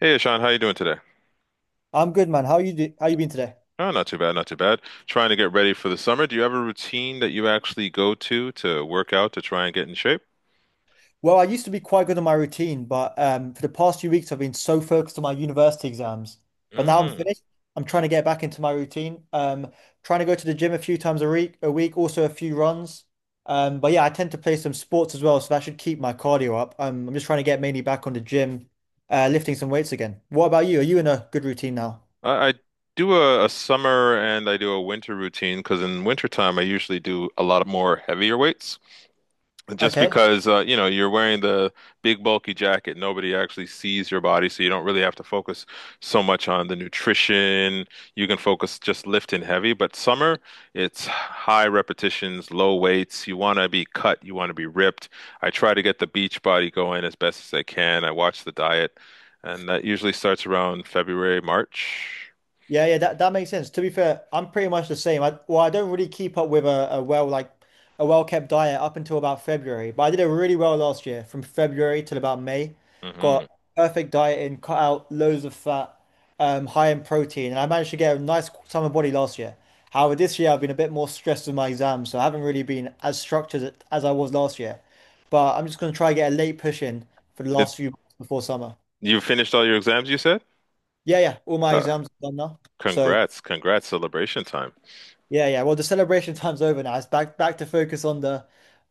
Hey, Sean, how you doing today? I'm good, man. How you been today? Oh, not too bad, not too bad. Trying to get ready for the summer. Do you have a routine that you actually go to work out to try and get in shape? Well, I used to be quite good on my routine, but for the past few weeks, I've been so focused on my university exams. But now I'm Mm. finished. I'm trying to get back into my routine. Trying to go to the gym a few times a week, also a few runs. But yeah, I tend to play some sports as well, so that should keep my cardio up. I'm just trying to get mainly back on the gym, lifting some weights again. What about you? Are you in a good routine now? I do a summer and I do a winter routine because in wintertime I usually do a lot of more heavier weights. Just Okay. because you're wearing the big bulky jacket, nobody actually sees your body, so you don't really have to focus so much on the nutrition. You can focus just lifting heavy, but summer, it's high repetitions, low weights. You want to be cut, you want to be ripped. I try to get the beach body going as best as I can. I watch the diet, and that usually starts around February, March. Yeah, yeah, that makes sense. To be fair, I'm pretty much the same. I don't really keep up with a well like a well kept diet up until about February, but I did it really well last year from February till about May. Hmm. Got perfect diet in, cut out loads of fat, high in protein, and I managed to get a nice summer body last year. However, this year I've been a bit more stressed with my exams, so I haven't really been as structured as I was last year. But I'm just gonna try and get a late push in for the It, last few months before summer. you finished all your exams, you said? Yeah, yeah, all my Oh, exams are done now, so. congrats, congrats, celebration time. Yeah, yeah. Well, the celebration time's over now. It's back to focus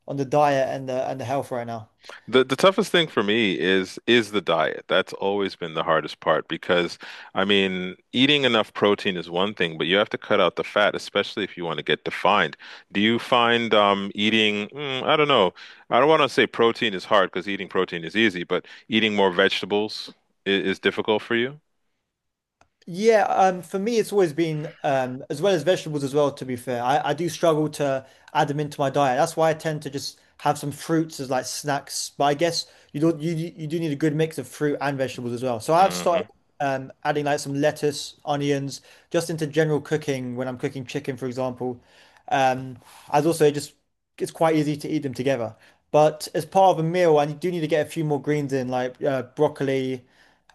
on the diet and the health right now. The toughest thing for me is the diet. That's always been the hardest part because I mean, eating enough protein is one thing, but you have to cut out the fat, especially if you want to get defined. Do you find eating, I don't know. I don't want to say protein is hard because eating protein is easy, but eating more vegetables is difficult for you? Yeah, for me, it's always been as well as vegetables as well, to be fair. I do struggle to add them into my diet. That's why I tend to just have some fruits as like snacks. But I guess you don't you you do need a good mix of fruit and vegetables as well. So I've started Hmm. Adding like some lettuce, onions, just into general cooking when I'm cooking chicken, for example. Um, as also just it's quite easy to eat them together. But as part of a meal, I do need to get a few more greens in, like broccoli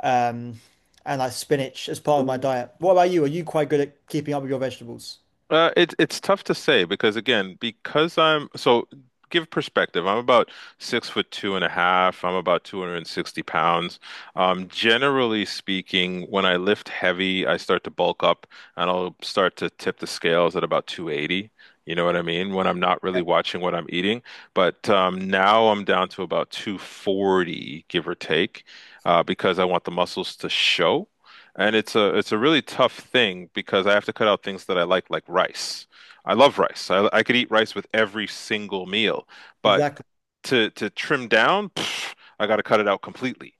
um, and like spinach as part of my diet. What about you? Are you quite good at keeping up with your vegetables? It's tough to say because again, because I'm so give perspective. I'm about 6'2.5". I'm about 260 pounds. Generally speaking, when I lift heavy, I start to bulk up and I'll start to tip the scales at about 280. You know what I mean? When I'm not Yeah, really watching what I'm eating. But now I'm down to about 240, give or take, because I want the muscles to show. And it's a really tough thing because I have to cut out things that I like rice. I love rice. I could eat rice with every single meal, but exactly. to trim down, I got to cut it out completely,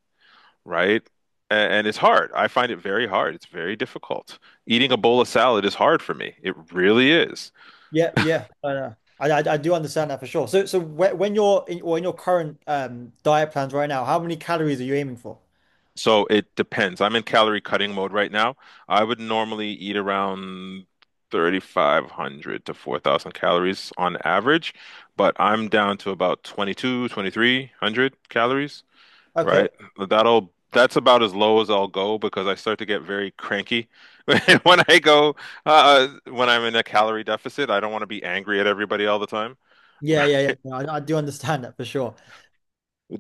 right? And it's hard. I find it very hard. It's very difficult. Eating a bowl of salad is hard for me. It really is. Yeah, yeah, I know. I do understand that for sure. So when you're in your current diet plans right now, how many calories are you aiming for? So it depends. I'm in calorie cutting mode right now. I would normally eat around 3,500 to 4,000 calories on average, but I'm down to about 22, 2,300 calories, Okay. right? That's about as low as I'll go because I start to get very cranky when I go when I'm in a calorie deficit. I don't want to be angry at everybody all the time. Yeah, yeah, yeah. No, I do understand that for sure.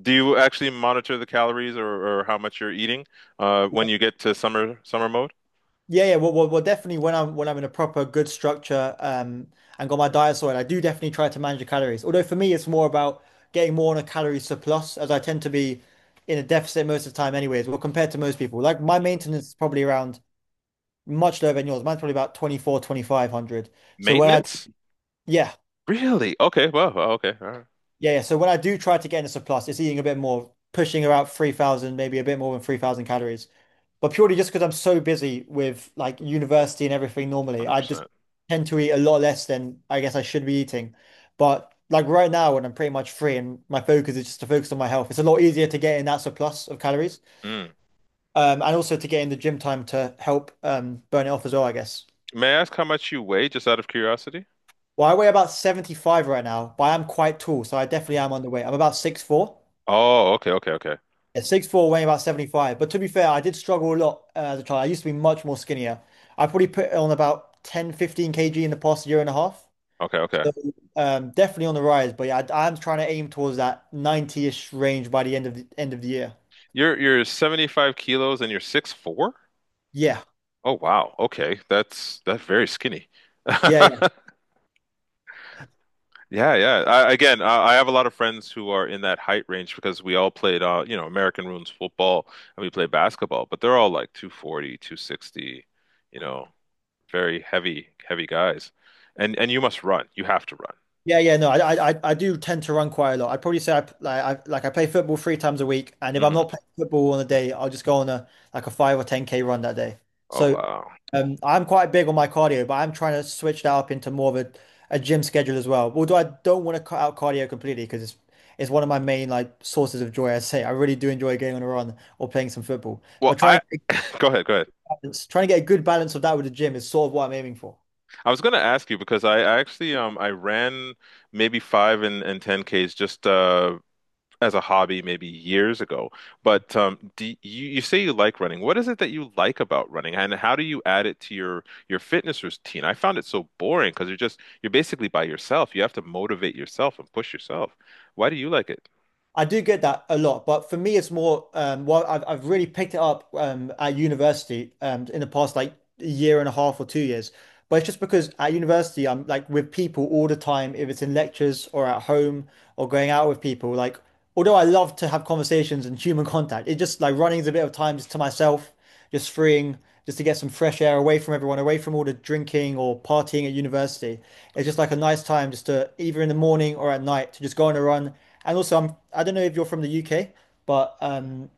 Do you actually monitor the calories or how much you're eating when you get to summer mode? Yeah, yeah. Definitely when I'm in a proper good structure and got my diet sorted, I do definitely try to manage the calories. Although for me, it's more about getting more on a calorie surplus, as I tend to be in a deficit most of the time, anyways. Well, compared to most people, like my maintenance is probably around much lower than yours. Mine's probably about 24, 2,500. So when I Maintenance? yeah, Really? Okay. Well, okay. All right. yeah, yeah. So when I do try to get in a surplus, it's eating a bit more, pushing about 3000, maybe a bit more than 3000 calories. But purely just because I'm so busy with like university and everything normally, I just 100%. tend to eat a lot less than I guess I should be eating. But like right now, when I'm pretty much free and my focus is just to focus on my health, it's a lot easier to get in that surplus of calories, Mm. And also to get in the gym time to help burn it off as well, I guess. May I ask how much you weigh, just out of curiosity? Well, I weigh about 75 right now, but I am quite tall, so I definitely am underweight. I'm about 6'4". Oh, okay, okay, okay. Yeah, 6'4", weighing about 75. But to be fair, I did struggle a lot as a child. I used to be much more skinnier. I probably put on about ten, fifteen 15 kg in the past year and a half. Okay, okay. So definitely on the rise. But yeah, I'm trying to aim towards that 90-ish range by the end of the year. You're 75 kilos and you're 6'4"? Yeah. Oh, wow. Okay. That's very skinny. Yeah. Yeah, yeah. Again, I have a lot of friends who are in that height range because we all played American rules football and we play basketball, but they're all like 240, 260, you know, very heavy, heavy guys. And you must run. You have to run. Yeah, yeah, no, I do tend to run quite a lot. I'd probably say like I play football 3 times a week, and if I'm Hmm. not playing football on a day, I'll just go on a like a five or ten K run that day. Oh, So, wow. I'm quite big on my cardio, but I'm trying to switch that up into more of a gym schedule as well. Although I don't want to cut out cardio completely because it's one of my main like sources of joy. I say I really do enjoy going on a run or playing some football, Well, but I trying to get a Go ahead, go ahead. balance, trying to get a good balance of that with the gym is sort of what I'm aiming for. I was gonna ask you because I actually I ran maybe 5 and 10Ks just as a hobby maybe years ago. But do you you say you like running. What is it that you like about running and how do you add it to your fitness routine? I found it so boring because you're just you're basically by yourself. You have to motivate yourself and push yourself. Why do you like it? I do get that a lot, but for me, it's more well, I've really picked it up at university in the past like a year and a half or 2 years. But it's just because at university, I'm like with people all the time, if it's in lectures or at home or going out with people. Like, although I love to have conversations and human contact, it just like running is a bit of time just to myself just freeing, just to get some fresh air away from everyone, away from all the drinking or partying at university. It's just like a nice time just to either in the morning or at night to just go on a run. And also, I don't know if you're from the UK, but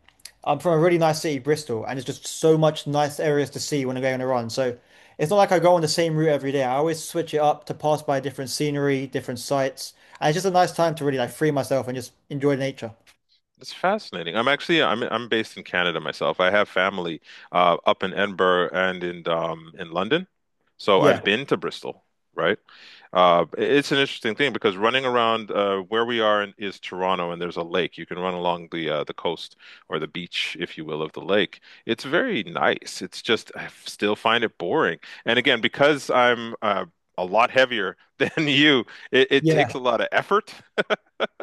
I'm from a really nice city, Bristol, and it's just so much nice areas to see when I go on a run. So it's not like I go on the same route every day. I always switch it up to pass by different scenery, different sights. And it's just a nice time to really like free myself and just enjoy nature. It's fascinating. I'm actually I'm based in Canada myself. I have family up in Edinburgh and in London, so Yeah. I've been to Bristol, right? It's an interesting thing because running around where we are in, is Toronto, and there's a lake. You can run along the coast or the beach, if you will, of the lake. It's very nice. It's just I still find it boring. And again, because I'm a lot heavier than you, it Yeah. takes a lot of effort.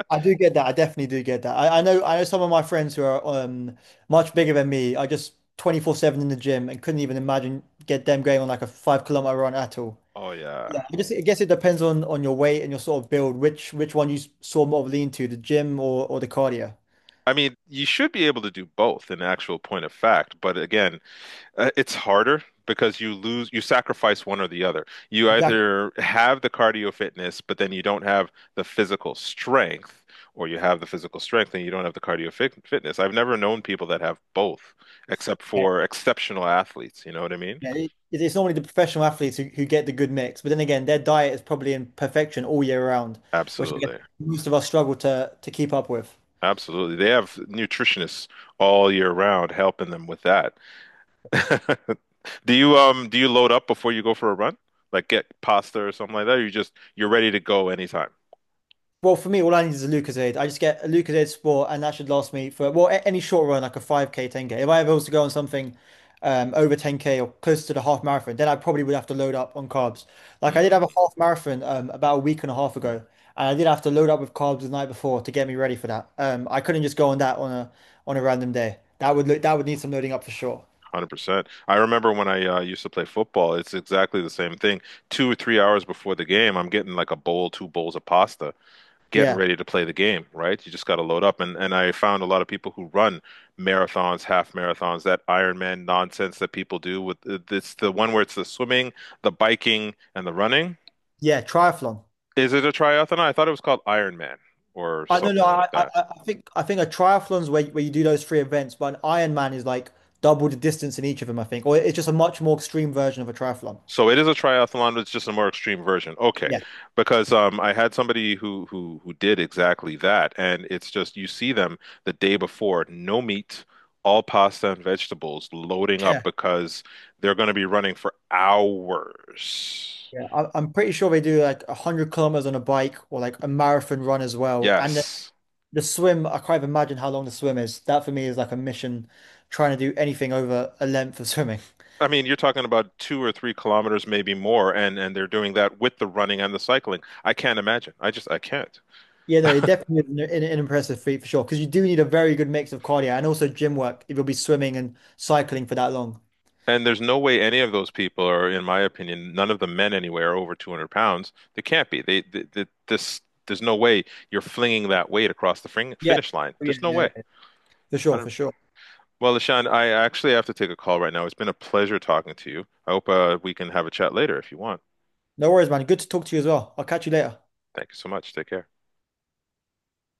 I do get that. I definitely do get that. I know some of my friends who are much bigger than me are just 24/7 in the gym and couldn't even imagine get them going on like a 5 kilometer run at all. Oh yeah. Yeah, I guess it depends on your weight and your sort of build, which one you sort of lean to, the gym or the cardio. Yeah. I mean, you should be able to do both in actual point of fact, but again, it's harder because you sacrifice one or the other. You Exactly. either have the cardio fitness, but then you don't have the physical strength, or you have the physical strength and you don't have the cardio fitness. I've never known people that have both, except Yeah, for exceptional athletes. You know what I mean? yeah, it's normally the professional athletes who get the good mix, but then again, their diet is probably in perfection all year round, which I guess Absolutely. most of us struggle to keep up with. Absolutely. They have nutritionists all year round helping them with that. Do you load up before you go for a run? Like get pasta or something like that, or you're ready to go anytime. Well, for me, all I need is a Lucozade. I just get a Lucozade Sport, and that should last me for any short run, like a 5K, 10K. If I ever was to go on something over 10K or close to the half marathon, then I probably would have to load up on carbs. Like I did Mm, have a half marathon about a week and a half ago, and I did have to load up with carbs the night before to get me ready for that. I couldn't just go on that on a random day. That would need some loading up for sure. 100%. I remember when I used to play football, it's exactly the same thing. 2 or 3 hours before the game, I'm getting like a bowl, two bowls of pasta. Getting Yeah, ready to play the game, right? You just got to load up. And I found a lot of people who run marathons, half marathons, that Ironman nonsense that people do with it's the one where it's the swimming, the biking, and the running. yeah, triathlon. Is it a triathlon? I thought it was called Ironman or I don't know. something I, like I that. I I think a triathlon's where you do those three events, but an Ironman is like double the distance in each of them, I think, or it's just a much more extreme version of a triathlon. So it is a triathlon, but it's just a more extreme version. Okay. Yeah, Because I had somebody who did exactly that and it's just you see them the day before, no meat, all pasta and vegetables loading up yeah, because they're going to be running for hours. yeah. I'm pretty sure they do like 100 kilometers on a bike or like a marathon run as well. Yes. The swim, I can't even imagine how long the swim is. That for me is like a mission, trying to do anything over a length of swimming. I mean, you're talking about 2 or 3 kilometers, maybe more, and they're doing that with the running and the cycling. I can't imagine. I just I can't. Yeah, no, it definitely is an impressive feat for sure, because you do need a very good mix of cardio and also gym work if you'll be swimming and cycling for that long. And there's no way any of those people are, in my opinion, none of the men anywhere are over 200 pounds. They can't be. There's no way you're flinging that weight across the Yeah, finish line. yeah, Just no yeah. way. yeah. For I sure, for don't, sure. Well, LaShawn, I actually have to take a call right now. It's been a pleasure talking to you. I hope we can have a chat later if you want. No worries, man. Good to talk to you as well. I'll catch you later. Thank you so much. Take care.